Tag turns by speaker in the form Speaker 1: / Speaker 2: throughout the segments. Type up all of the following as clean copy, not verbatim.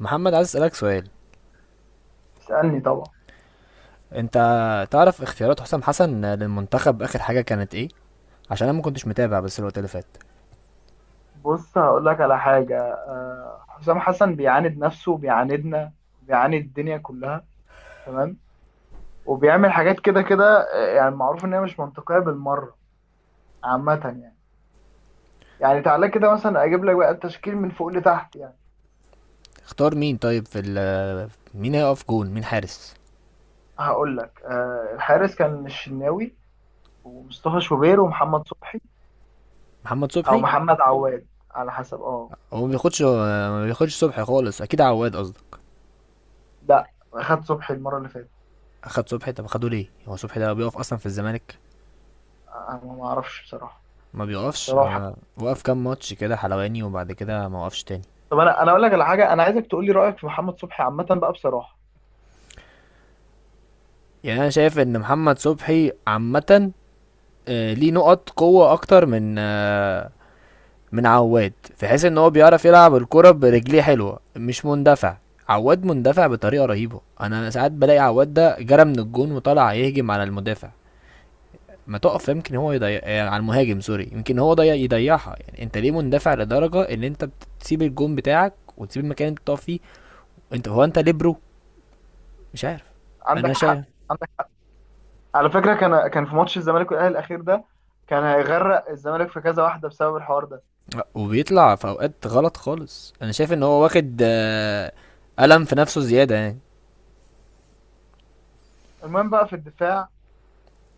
Speaker 1: محمد عايز اسالك سؤال.
Speaker 2: اسألني طبعا.
Speaker 1: انت تعرف اختيارات حسام حسن للمنتخب اخر حاجه كانت ايه؟ عشان انا ما كنتش متابع بس الوقت اللي فات.
Speaker 2: بص، هقول لك على حاجة. حسام حسن بيعاند نفسه وبيعاندنا وبيعاند الدنيا كلها، تمام، وبيعمل حاجات كده كده. يعني معروف إن هي مش منطقية بالمرة، عامة يعني تعالى كده مثلا أجيب لك بقى التشكيل من فوق لتحت يعني.
Speaker 1: اختار مين طيب في مين هيقف جون؟ مين حارس؟
Speaker 2: هقول لك، الحارس كان الشناوي ومصطفى شوبير ومحمد صبحي،
Speaker 1: محمد
Speaker 2: أو
Speaker 1: صبحي؟
Speaker 2: محمد عواد على حسب
Speaker 1: هو ما بياخدش صبحي خالص، اكيد عواد قصدي.
Speaker 2: لا، خد صبحي المرة اللي فاتت.
Speaker 1: اخد صبحي؟ طب اخده ليه؟ هو صبحي ده بيقف اصلا في الزمالك؟
Speaker 2: أنا ما أعرفش بصراحة.
Speaker 1: ما بيقفش.
Speaker 2: بصراحة،
Speaker 1: وقف كام ماتش كده حلواني وبعد كده ما وقفش تاني.
Speaker 2: طب انا اقول لك على حاجه، انا عايزك تقول لي رايك في محمد صبحي عامه بقى بصراحه.
Speaker 1: يعني انا شايف ان محمد صبحي عامه ليه نقط قوه اكتر من من عواد، في حيث ان هو بيعرف يلعب الكرة برجليه حلوة، مش مندفع. عواد مندفع بطريقة رهيبة، انا ساعات بلاقي عواد ده جرى من الجون وطلع يهجم على المدافع. ما تقف، يمكن هو يضيع على المهاجم، سوري يمكن هو ضيع يضيعها. يعني انت ليه مندفع لدرجة ان انت بتسيب الجون بتاعك وتسيب المكان اللي انت بتقف فيه؟ انت ليه برو؟ مش عارف.
Speaker 2: عندك
Speaker 1: انا شايف
Speaker 2: حق، عندك حق. على فكره، كان في ماتش الزمالك والاهلي الاخير ده، كان هيغرق الزمالك في كذا واحده بسبب الحوار ده.
Speaker 1: وبيطلع في اوقات غلط خالص. انا شايف ان هو واخد ألم في نفسه زيادة يعني.
Speaker 2: المهم بقى، في الدفاع،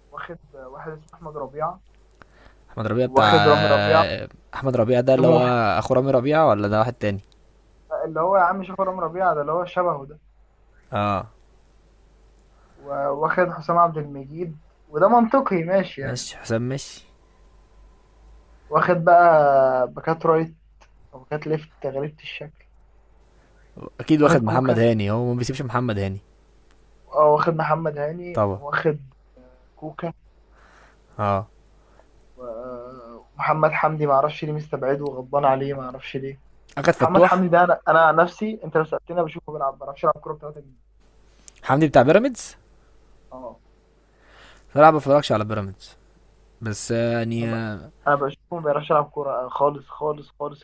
Speaker 2: واخد واحد اسمه احمد ربيعه،
Speaker 1: احمد ربيع بتاع،
Speaker 2: واخد رامي ربيعه
Speaker 1: احمد ربيع ده اللي هو
Speaker 2: سموح.
Speaker 1: اخو رامي ربيعه ولا ده واحد تاني؟
Speaker 2: اللي هو يا عم، شوف، رامي ربيعه ده اللي هو شبهه ده.
Speaker 1: اه.
Speaker 2: واخد حسام عبد المجيد، وده منطقي ماشي يعني.
Speaker 1: ماشي حسام ماشي.
Speaker 2: واخد بقى باكات رايت وباكات ليفت غريبه الشكل.
Speaker 1: اكيد
Speaker 2: واخد
Speaker 1: واخد محمد
Speaker 2: كوكا.
Speaker 1: هاني، هو ما بيسيبش محمد هاني.
Speaker 2: واخد محمد هاني،
Speaker 1: طبعا.
Speaker 2: واخد كوكا.
Speaker 1: اه.
Speaker 2: و- ومحمد حمدي ما اعرفش ليه مستبعده وغضبان عليه، ما اعرفش ليه.
Speaker 1: اخد
Speaker 2: محمد حمدي
Speaker 1: فتوح؟
Speaker 2: ده، انا عن نفسي، انت لو سالتني، أنا بشوفه بيلعب، ما بيعرفش يلعب كوره ب 3 جنيه.
Speaker 1: حمدي بتاع بيراميدز؟
Speaker 2: اه
Speaker 1: صراحه ما بتفرجش على بيراميدز، بس
Speaker 2: انا
Speaker 1: يعني
Speaker 2: ب... انا بشوفه ما بيعرفش يلعب كوره خالص خالص خالص.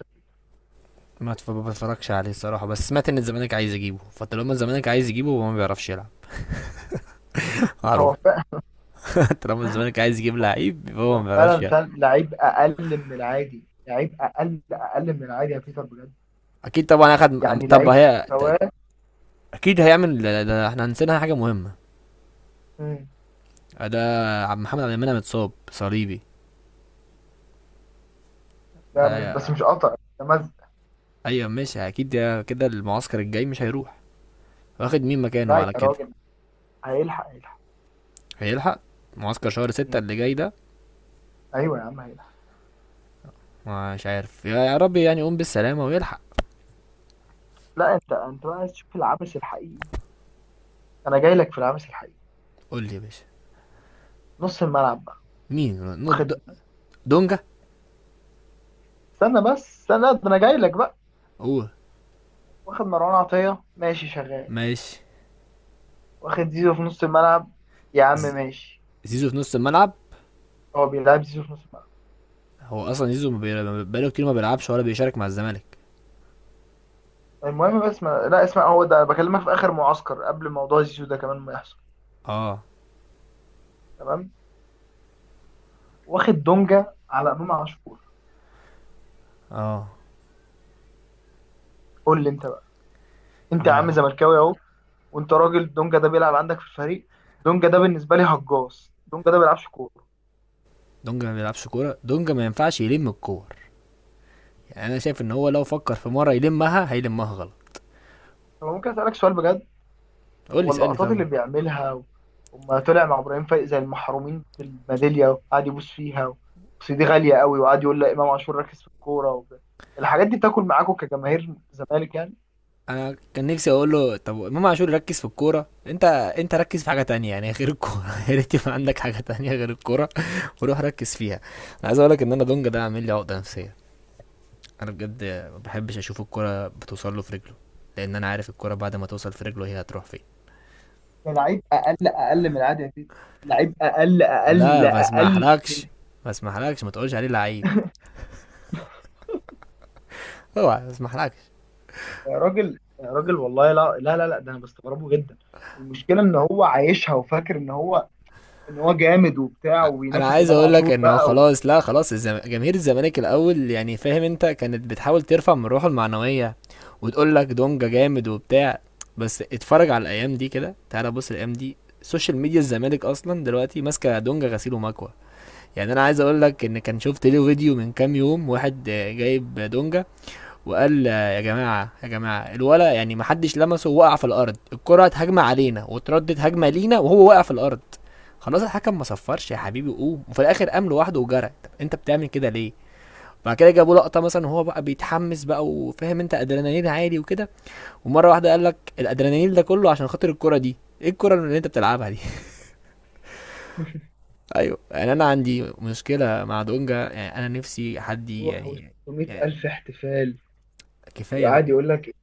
Speaker 1: ما بتفرجش عليه الصراحه، بس سمعت ان الزمالك عايز يجيبه، فطالما الزمالك عايز يجيبه هو ما بيعرفش يلعب، معروف.
Speaker 2: هو فعلا،
Speaker 1: طالما الزمالك عايز يجيب لعيب، يبقى هو
Speaker 2: هو
Speaker 1: ما بيعرفش
Speaker 2: فعلا
Speaker 1: يلعب.
Speaker 2: فعلا لعيب اقل من العادي، لعيب اقل اقل من العادي يا بيتر بجد.
Speaker 1: اكيد طبعا. اخد
Speaker 2: يعني
Speaker 1: طب
Speaker 2: لعيب،
Speaker 1: هي
Speaker 2: مستواه.
Speaker 1: اكيد هيعمل ده. احنا نسينا حاجه مهمه.
Speaker 2: مم.
Speaker 1: ده عبد محمد عبد المنعم اتصاب صليبي.
Speaker 2: ده مش بس
Speaker 1: آه،
Speaker 2: مش قطع، ده مز...
Speaker 1: ايوه ماشي، اكيد ده كده المعسكر الجاي مش هيروح. واخد مين
Speaker 2: لا
Speaker 1: مكانه
Speaker 2: يا
Speaker 1: على كده؟
Speaker 2: راجل، هيلحق هيلحق.
Speaker 1: هيلحق معسكر شهر ستة
Speaker 2: مم.
Speaker 1: اللي جاي ده؟
Speaker 2: ايوه يا عم هيلحق.
Speaker 1: مش عارف، يا رب يعني يقوم بالسلامة ويلحق.
Speaker 2: لا، انت بقى عايز تشوف العبث الحقيقي، انا جاي لك في العبث الحقيقي.
Speaker 1: قول لي يا باشا.
Speaker 2: نص الملعب بقى،
Speaker 1: مين نو- د-
Speaker 2: واخد
Speaker 1: دونجا
Speaker 2: استنى بس، استنى، ده انا جاي لك بقى.
Speaker 1: هو
Speaker 2: واخد مروان عطية ماشي شغال،
Speaker 1: ماشي.
Speaker 2: واخد زيزو في نص الملعب. يا عم
Speaker 1: ز-
Speaker 2: ماشي،
Speaker 1: زيزو في نص الملعب؟
Speaker 2: هو بيلعب زيزو في نص الملعب؟
Speaker 1: هو اصلا زيزو ما بقاله كتير ما بيلعبش ولا بيشارك مع الزمالك.
Speaker 2: المهم، بس ما... لا، اسمع، هو ده بكلمك في اخر معسكر، قبل موضوع زيزو ده كمان ما يحصل،
Speaker 1: اه.
Speaker 2: تمام. واخد دونجا على امام عاشور.
Speaker 1: اه.
Speaker 2: قول لي انت بقى، انت يا عم
Speaker 1: لا،
Speaker 2: زملكاوي اهو، وانت راجل دونجا ده بيلعب عندك في الفريق. دونجا ده بالنسبه لي هجاص، دونجا ده بيلعبش كوره.
Speaker 1: دونجا ما بيلعبش كورة، دونجا ما ينفعش يلم الكور، يعني انا شايف ان هو لو فكر في مرة يلمها هيلمها غلط.
Speaker 2: طب ممكن اسالك سؤال بجد،
Speaker 1: قول لي،
Speaker 2: هو
Speaker 1: اسألني
Speaker 2: اللقطات
Speaker 1: طبعا.
Speaker 2: اللي بيعملها، وما طلع مع ابراهيم فايق زي المحرومين بالميداليه، وقعد يبوس فيها بس دي غاليه قوي، وقعد يقول لا امام عاشور ركز في الكوره الحاجات دي، بتاكل معاكم كجماهير زمالك يعني؟
Speaker 1: انا كان نفسي اقول له طب امام عاشور ركز في الكوره، انت انت ركز في حاجه تانية يعني غير الكوره، يا ريت يبقى عندك حاجه تانية غير الكوره وروح ركز فيها. انا عايز اقول لك ان انا دونج ده عامل لي عقده نفسيه، انا بجد ما بحبش اشوف الكوره بتوصل له في رجله، لان انا عارف الكوره بعد ما توصل في رجله هي هتروح فين.
Speaker 2: ده لعيب اقل اقل من العادي يا تيت، لعيب اقل اقل
Speaker 1: لا ما
Speaker 2: اقل
Speaker 1: اسمحلكش،
Speaker 2: من.
Speaker 1: ما اسمحلكش ما تقولش عليه لعيب، اوعى، ما اسمحلكش.
Speaker 2: يا راجل يا راجل والله، لا لا لا, لا، ده انا بستغربه جدا. المشكله ان هو عايشها وفاكر ان هو، جامد وبتاع
Speaker 1: انا
Speaker 2: وبينافس
Speaker 1: عايز
Speaker 2: امام
Speaker 1: اقول لك
Speaker 2: عاشور
Speaker 1: انه
Speaker 2: بقى و...
Speaker 1: خلاص، لا خلاص جماهير الزمالك الاول، يعني فاهم انت كانت بتحاول ترفع من روحه المعنويه وتقول لك دونجا جامد وبتاع، بس اتفرج على الايام دي كده، تعالى بص الايام دي سوشيال ميديا الزمالك اصلا دلوقتي ماسكه دونجا غسيل ومكوى. يعني انا عايز اقول لك ان كان شفت له فيديو من كام يوم، واحد جايب دونجا وقال يا جماعه يا جماعه الولا يعني ما حدش لمسه، وقع في الارض، الكره هتهاجم علينا وتردد هجمه لينا وهو واقع في الارض، خلاص الحكم ما صفرش يا حبيبي قوم، وفي الاخر قام لوحده وجرى، طب انت بتعمل كده ليه؟ بعد كده جابوا لقطه مثلا وهو بقى بيتحمس بقى وفاهم انت ادرينالين عالي وكده، ومره واحده قال لك الادرينالين ده كله عشان خاطر الكره دي، ايه الكره اللي انت بتلعبها دي؟ ايوه، يعني انا عندي مشكله مع دونجا، يعني انا نفسي حد
Speaker 2: روح و
Speaker 1: يعني،
Speaker 2: 600 الف
Speaker 1: يعني
Speaker 2: احتفال،
Speaker 1: كفايه
Speaker 2: وقعد
Speaker 1: بقى،
Speaker 2: يقول لك،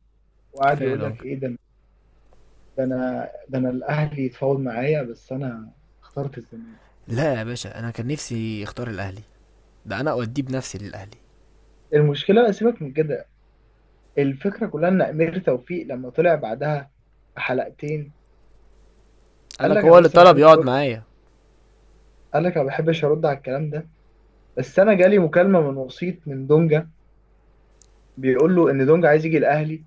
Speaker 2: وقعد
Speaker 1: كفايه
Speaker 2: يقول لك
Speaker 1: دونجا.
Speaker 2: ايه ده؟ ده انا، الاهلي يتفاوض معايا بس انا اخترت الزمالك.
Speaker 1: لا يا باشا، انا كان نفسي اختار الاهلي، ده انا اوديه بنفسي للاهلي.
Speaker 2: المشكله، سيبك من كده، الفكره كلها ان امير توفيق لما طلع بعدها بحلقتين،
Speaker 1: قال
Speaker 2: قال
Speaker 1: لك
Speaker 2: لك
Speaker 1: هو
Speaker 2: انا
Speaker 1: اللي
Speaker 2: بس
Speaker 1: طلب
Speaker 2: بحب،
Speaker 1: يقعد معايا؟
Speaker 2: قال لك انا ما بحبش ارد على الكلام ده، بس انا جالي مكالمه من وسيط من دونجا بيقول له ان دونجا عايز يجي الاهلي.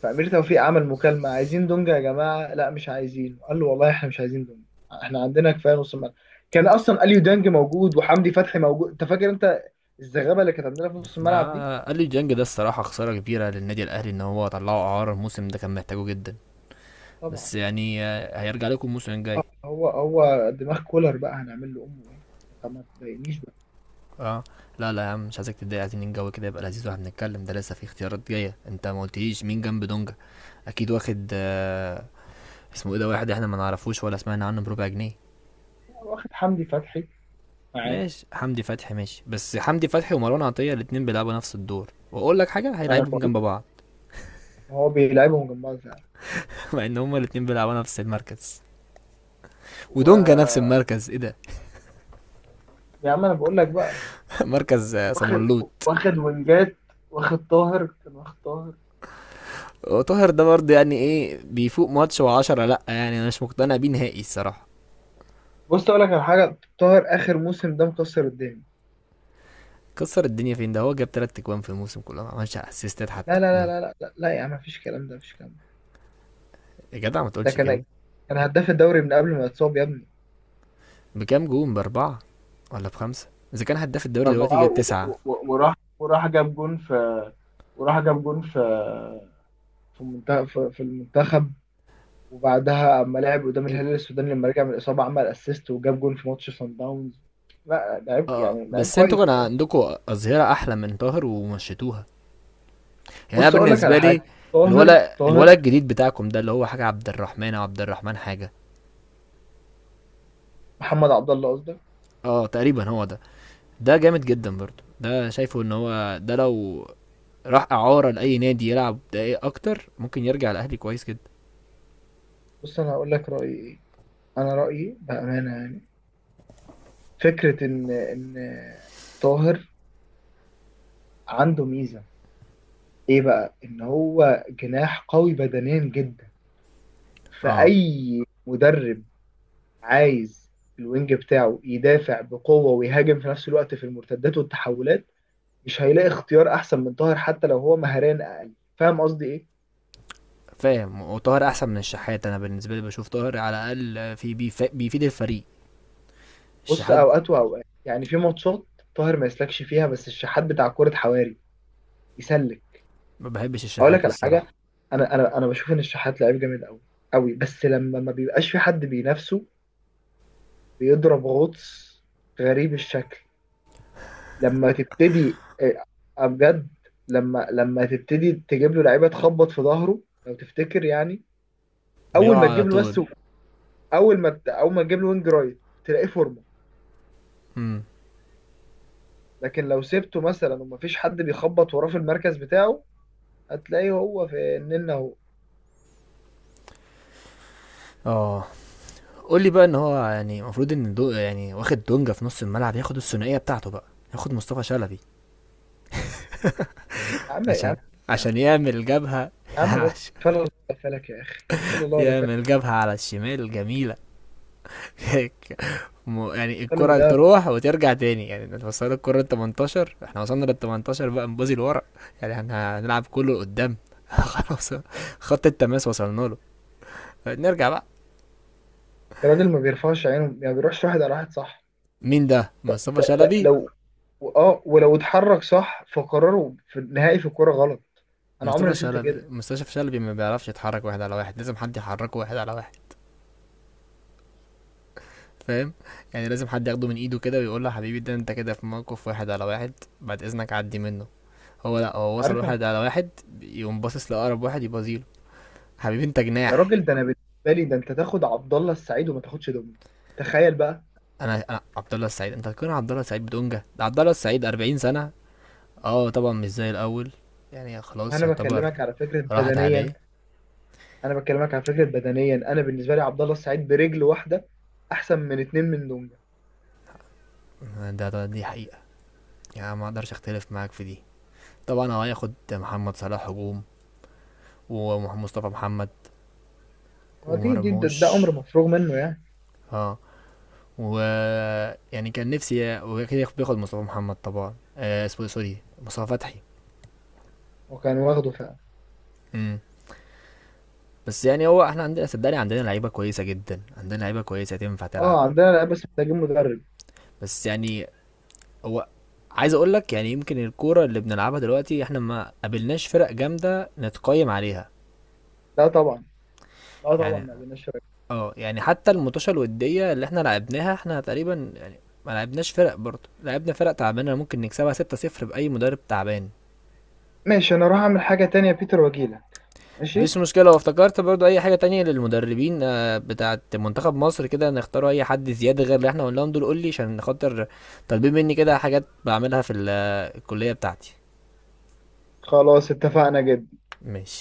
Speaker 2: فأمير توفيق عمل مكالمة: عايزين دونجا يا جماعة؟ لا، مش عايزين. قال له والله احنا مش عايزين دونجا، احنا عندنا كفاية نص الملعب. كان أصلا أليو دانج موجود، وحمدي فتحي موجود، أنت فاكر أنت الزغابة اللي كانت عندنا في نص الملعب دي؟
Speaker 1: آه. قال لي ديانج ده الصراحه خساره كبيره للنادي الاهلي ان هو طلعه اعاره، الموسم ده كان محتاجه جدا،
Speaker 2: طبعا.
Speaker 1: بس يعني هيرجع لكم الموسم الجاي.
Speaker 2: هو دماغ كولر بقى، هنعمل له أمه إيه؟ طب ما تضايقنيش بقى.
Speaker 1: اه. لا لا يا عم، مش عايزك تتضايق، عايزين الجو كده يبقى لذيذ واحنا بنتكلم، ده لسه في اختيارات جايه، انت ما قلتليش مين جنب دونجا، اكيد واخد آه اسمه ايه ده، واحد احنا ما نعرفوش ولا سمعنا عنه بربع جنيه.
Speaker 2: هو واخد حمدي فتحي معاه.
Speaker 1: ماشي حمدي فتحي ماشي، بس حمدي فتحي ومروان عطية الاتنين بيلعبوا نفس الدور، واقول لك حاجة،
Speaker 2: ما أنا
Speaker 1: هيلعبهم
Speaker 2: بقول،
Speaker 1: جنب بعض
Speaker 2: هو بيلعبهم جنبها فعلا.
Speaker 1: مع ان هما الاتنين بيلعبوا نفس المركز، ودونجا نفس
Speaker 2: و
Speaker 1: المركز، ايه ده؟
Speaker 2: يا عم أنا بقول لك بقى،
Speaker 1: مركز
Speaker 2: واخد،
Speaker 1: صمنلوط.
Speaker 2: وينجات، واخد طاهر. كان واخد طاهر.
Speaker 1: وطاهر ده برضه يعني ايه، بيفوق ماتش وعشرة لا، يعني انا مش مقتنع بيه نهائي الصراحة.
Speaker 2: بص اقول لك على حاجه، طاهر اخر موسم ده مكسر الدنيا.
Speaker 1: كسر الدنيا فين ده، هو جاب تلات اجوان في الموسم كله، ما عملش اسيستات حتى.
Speaker 2: لا لا لا لا لا لا, لا يا عم، مفيش كلام ده، مفيش كلام ده.
Speaker 1: يا جدع ما
Speaker 2: ده
Speaker 1: تقولش
Speaker 2: كان
Speaker 1: كده.
Speaker 2: كان هداف الدوري من قبل ما يتصاب يا ابني.
Speaker 1: بكام جون؟ باربعة ولا بخمسة؟ اذا كان هداف الدوري دلوقتي
Speaker 2: باربعه
Speaker 1: جاب تسعة.
Speaker 2: وراح جاب جون في، وراح جاب جون في في المنتخب، في المنتخب. وبعدها اما لعب قدام
Speaker 1: إيه،
Speaker 2: الهلال السوداني لما رجع من الاصابه، عمل اسيست وجاب جون في ماتش سان داونز. لا، لعيب
Speaker 1: اه،
Speaker 2: يعني، لعيب
Speaker 1: بس انتوا
Speaker 2: كويس
Speaker 1: كان
Speaker 2: بصراحه.
Speaker 1: عندكوا أظهرة أحلى من طاهر ومشيتوها، يعني أنا
Speaker 2: بص اقول لك على
Speaker 1: بالنسبة
Speaker 2: حاجه،
Speaker 1: لي.
Speaker 2: طاهر،
Speaker 1: الولد الولد الجديد بتاعكم ده اللي هو حاجة عبد الرحمن أو عبد الرحمن حاجة.
Speaker 2: محمد عبد الله قصدك.
Speaker 1: اه تقريبا هو ده، ده جامد جدا برضه، ده شايفه ان هو ده لو راح إعارة لأي نادي يلعب دقايق أكتر، ممكن يرجع الأهلي كويس جدا.
Speaker 2: بص انا هقول لك رايي ايه، انا رايي بامانه يعني، فكره ان طاهر عنده ميزه. ايه بقى؟ ان هو جناح قوي بدنيا جدا.
Speaker 1: اه
Speaker 2: فاي مدرب عايز الوينج بتاعه يدافع بقوه ويهاجم في نفس الوقت في المرتدات والتحولات، مش هيلاقي اختيار احسن من طاهر، حتى لو هو مهاريا اقل، فاهم قصدي ايه؟
Speaker 1: فاهم، وطاهر أحسن من الشحات، أنا بالنسبة لي بشوف طاهر على الأقل بيفيد الفريق.
Speaker 2: بص،
Speaker 1: الشحات
Speaker 2: اوقات واوقات يعني، في ماتشات طاهر ما يسلكش فيها، بس الشحات بتاع كره حواري يسلك.
Speaker 1: ما بحبش
Speaker 2: هقول لك
Speaker 1: الشحات
Speaker 2: على حاجه،
Speaker 1: الصراحة.
Speaker 2: انا بشوف ان الشحات لعيب جامد قوي قوي، بس لما ما بيبقاش في حد بينافسه، بيضرب غطس غريب الشكل. لما تبتدي بجد، لما تبتدي تجيب له لعيبه تخبط في ظهره لو تفتكر يعني، اول ما
Speaker 1: بيقع على
Speaker 2: تجيب له،
Speaker 1: طول.
Speaker 2: بس اول ما تجيب له وينج رايت، تلاقيه فورمه.
Speaker 1: امم.
Speaker 2: لكن لو سبته مثلا ومفيش حد بيخبط وراه في المركز بتاعه، هتلاقيه هو في النن اهو.
Speaker 1: اه. قول لي بقى، ان هو يعني المفروض ان دو يعني، واخد دونجا في نص الملعب، ياخد الثنائيه بتاعته بقى، ياخد مصطفى شلبي،
Speaker 2: يا عم يا
Speaker 1: عشان
Speaker 2: عم يا عم
Speaker 1: عشان يعمل جبهه،
Speaker 2: يا عم بس،
Speaker 1: عشان
Speaker 2: فلا الله ولا فلك يا اخي، فلا الله ولا فلك.
Speaker 1: يعمل جبهه على الشمال جميله. هيك. يعني
Speaker 2: القلب
Speaker 1: الكره
Speaker 2: ده،
Speaker 1: تروح وترجع تاني، يعني انت وصلت الكره ال 18، احنا وصلنا لل 18 بقى نبوظي لورا، يعني احنا هنلعب كله لقدام. خلاص، خط التماس وصلنا له، نرجع بقى.
Speaker 2: الراجل ما بيرفعش عينه يعني، بيروحش واحد على واحد، صح؟
Speaker 1: مين ده؟ مصطفى
Speaker 2: لا،
Speaker 1: شلبي؟
Speaker 2: لو، اه ولو اتحرك صح، فقراره في النهائي في الكوره غلط. انا عمري
Speaker 1: مصطفى
Speaker 2: ما شفت
Speaker 1: شلبي
Speaker 2: كده.
Speaker 1: مصطفى شلبي ما بيعرفش يتحرك واحد على واحد، لازم حد يحركه واحد على واحد، فاهم؟ يعني لازم حد ياخده من ايده كده ويقول له حبيبي ده انت كده في موقف واحد على واحد، بعد اذنك عدي منه. هو لا، هو وصل
Speaker 2: عارف أنا-
Speaker 1: واحد على واحد يقوم باصص لاقرب واحد يبازيله، حبيبي انت
Speaker 2: يا
Speaker 1: جناح.
Speaker 2: راجل، ده انا بالنسبه لي، ده انت تاخد عبد الله السعيد وما تاخدش دومين، تخيل بقى.
Speaker 1: انا عبد الله السعيد، انت هتكون عبد الله السعيد بدونجا؟ ده عبد الله السعيد 40 سنه. اه طبعا مش زي الاول، يعني خلاص
Speaker 2: وانا
Speaker 1: يعتبر
Speaker 2: بكلمك على فكره
Speaker 1: راحت
Speaker 2: بدنيا،
Speaker 1: عليه.
Speaker 2: انا بالنسبه لي عبد الله السعيد برجل واحده احسن من اتنين من دونجا.
Speaker 1: ده دي حقيقه، يعني ما اقدرش اختلف معاك في دي. طبعا هو هياخد محمد صلاح هجوم، ومصطفى محمد،
Speaker 2: ما دي دي
Speaker 1: ومرموش.
Speaker 2: ده امر مفروغ منه يعني.
Speaker 1: اه. و يعني كان نفسي وكده بياخد مصطفى محمد، طبعا آه، اسمه إيه، سوري مصطفى فتحي.
Speaker 2: وكان واخده فعلا.
Speaker 1: امم. بس يعني هو، احنا عندنا صدقني عندنا لعيبه كويسه جدا، عندنا لعيبه كويسه تنفع تلعب.
Speaker 2: اه، عندنا، لا بس محتاجين مدرب.
Speaker 1: بس يعني هو، عايز اقول لك يعني يمكن الكوره اللي بنلعبها دلوقتي، احنا ما قابلناش فرق جامده نتقيم عليها،
Speaker 2: لا طبعا، لا طبعا،
Speaker 1: يعني
Speaker 2: ما بيناش.
Speaker 1: اه، يعني حتى الماتشات الوديه اللي احنا لعبناها احنا تقريبا يعني ما لعبناش فرق، برضه لعبنا فرق تعبانه ممكن نكسبها 6-0 باي مدرب تعبان.
Speaker 2: ماشي، انا اروح اعمل حاجة تانية يا بيتر واجيلك. ماشي،
Speaker 1: مفيش مشكلة، وافتكرت برضو أي حاجة تانية للمدربين بتاعة منتخب مصر كده نختاروا أي حد زيادة غير اللي احنا قلناهم دول، قولي، عشان خاطر طالبين مني كده حاجات بعملها الكلية بتاعتي.
Speaker 2: خلاص اتفقنا جدا.
Speaker 1: ماشي.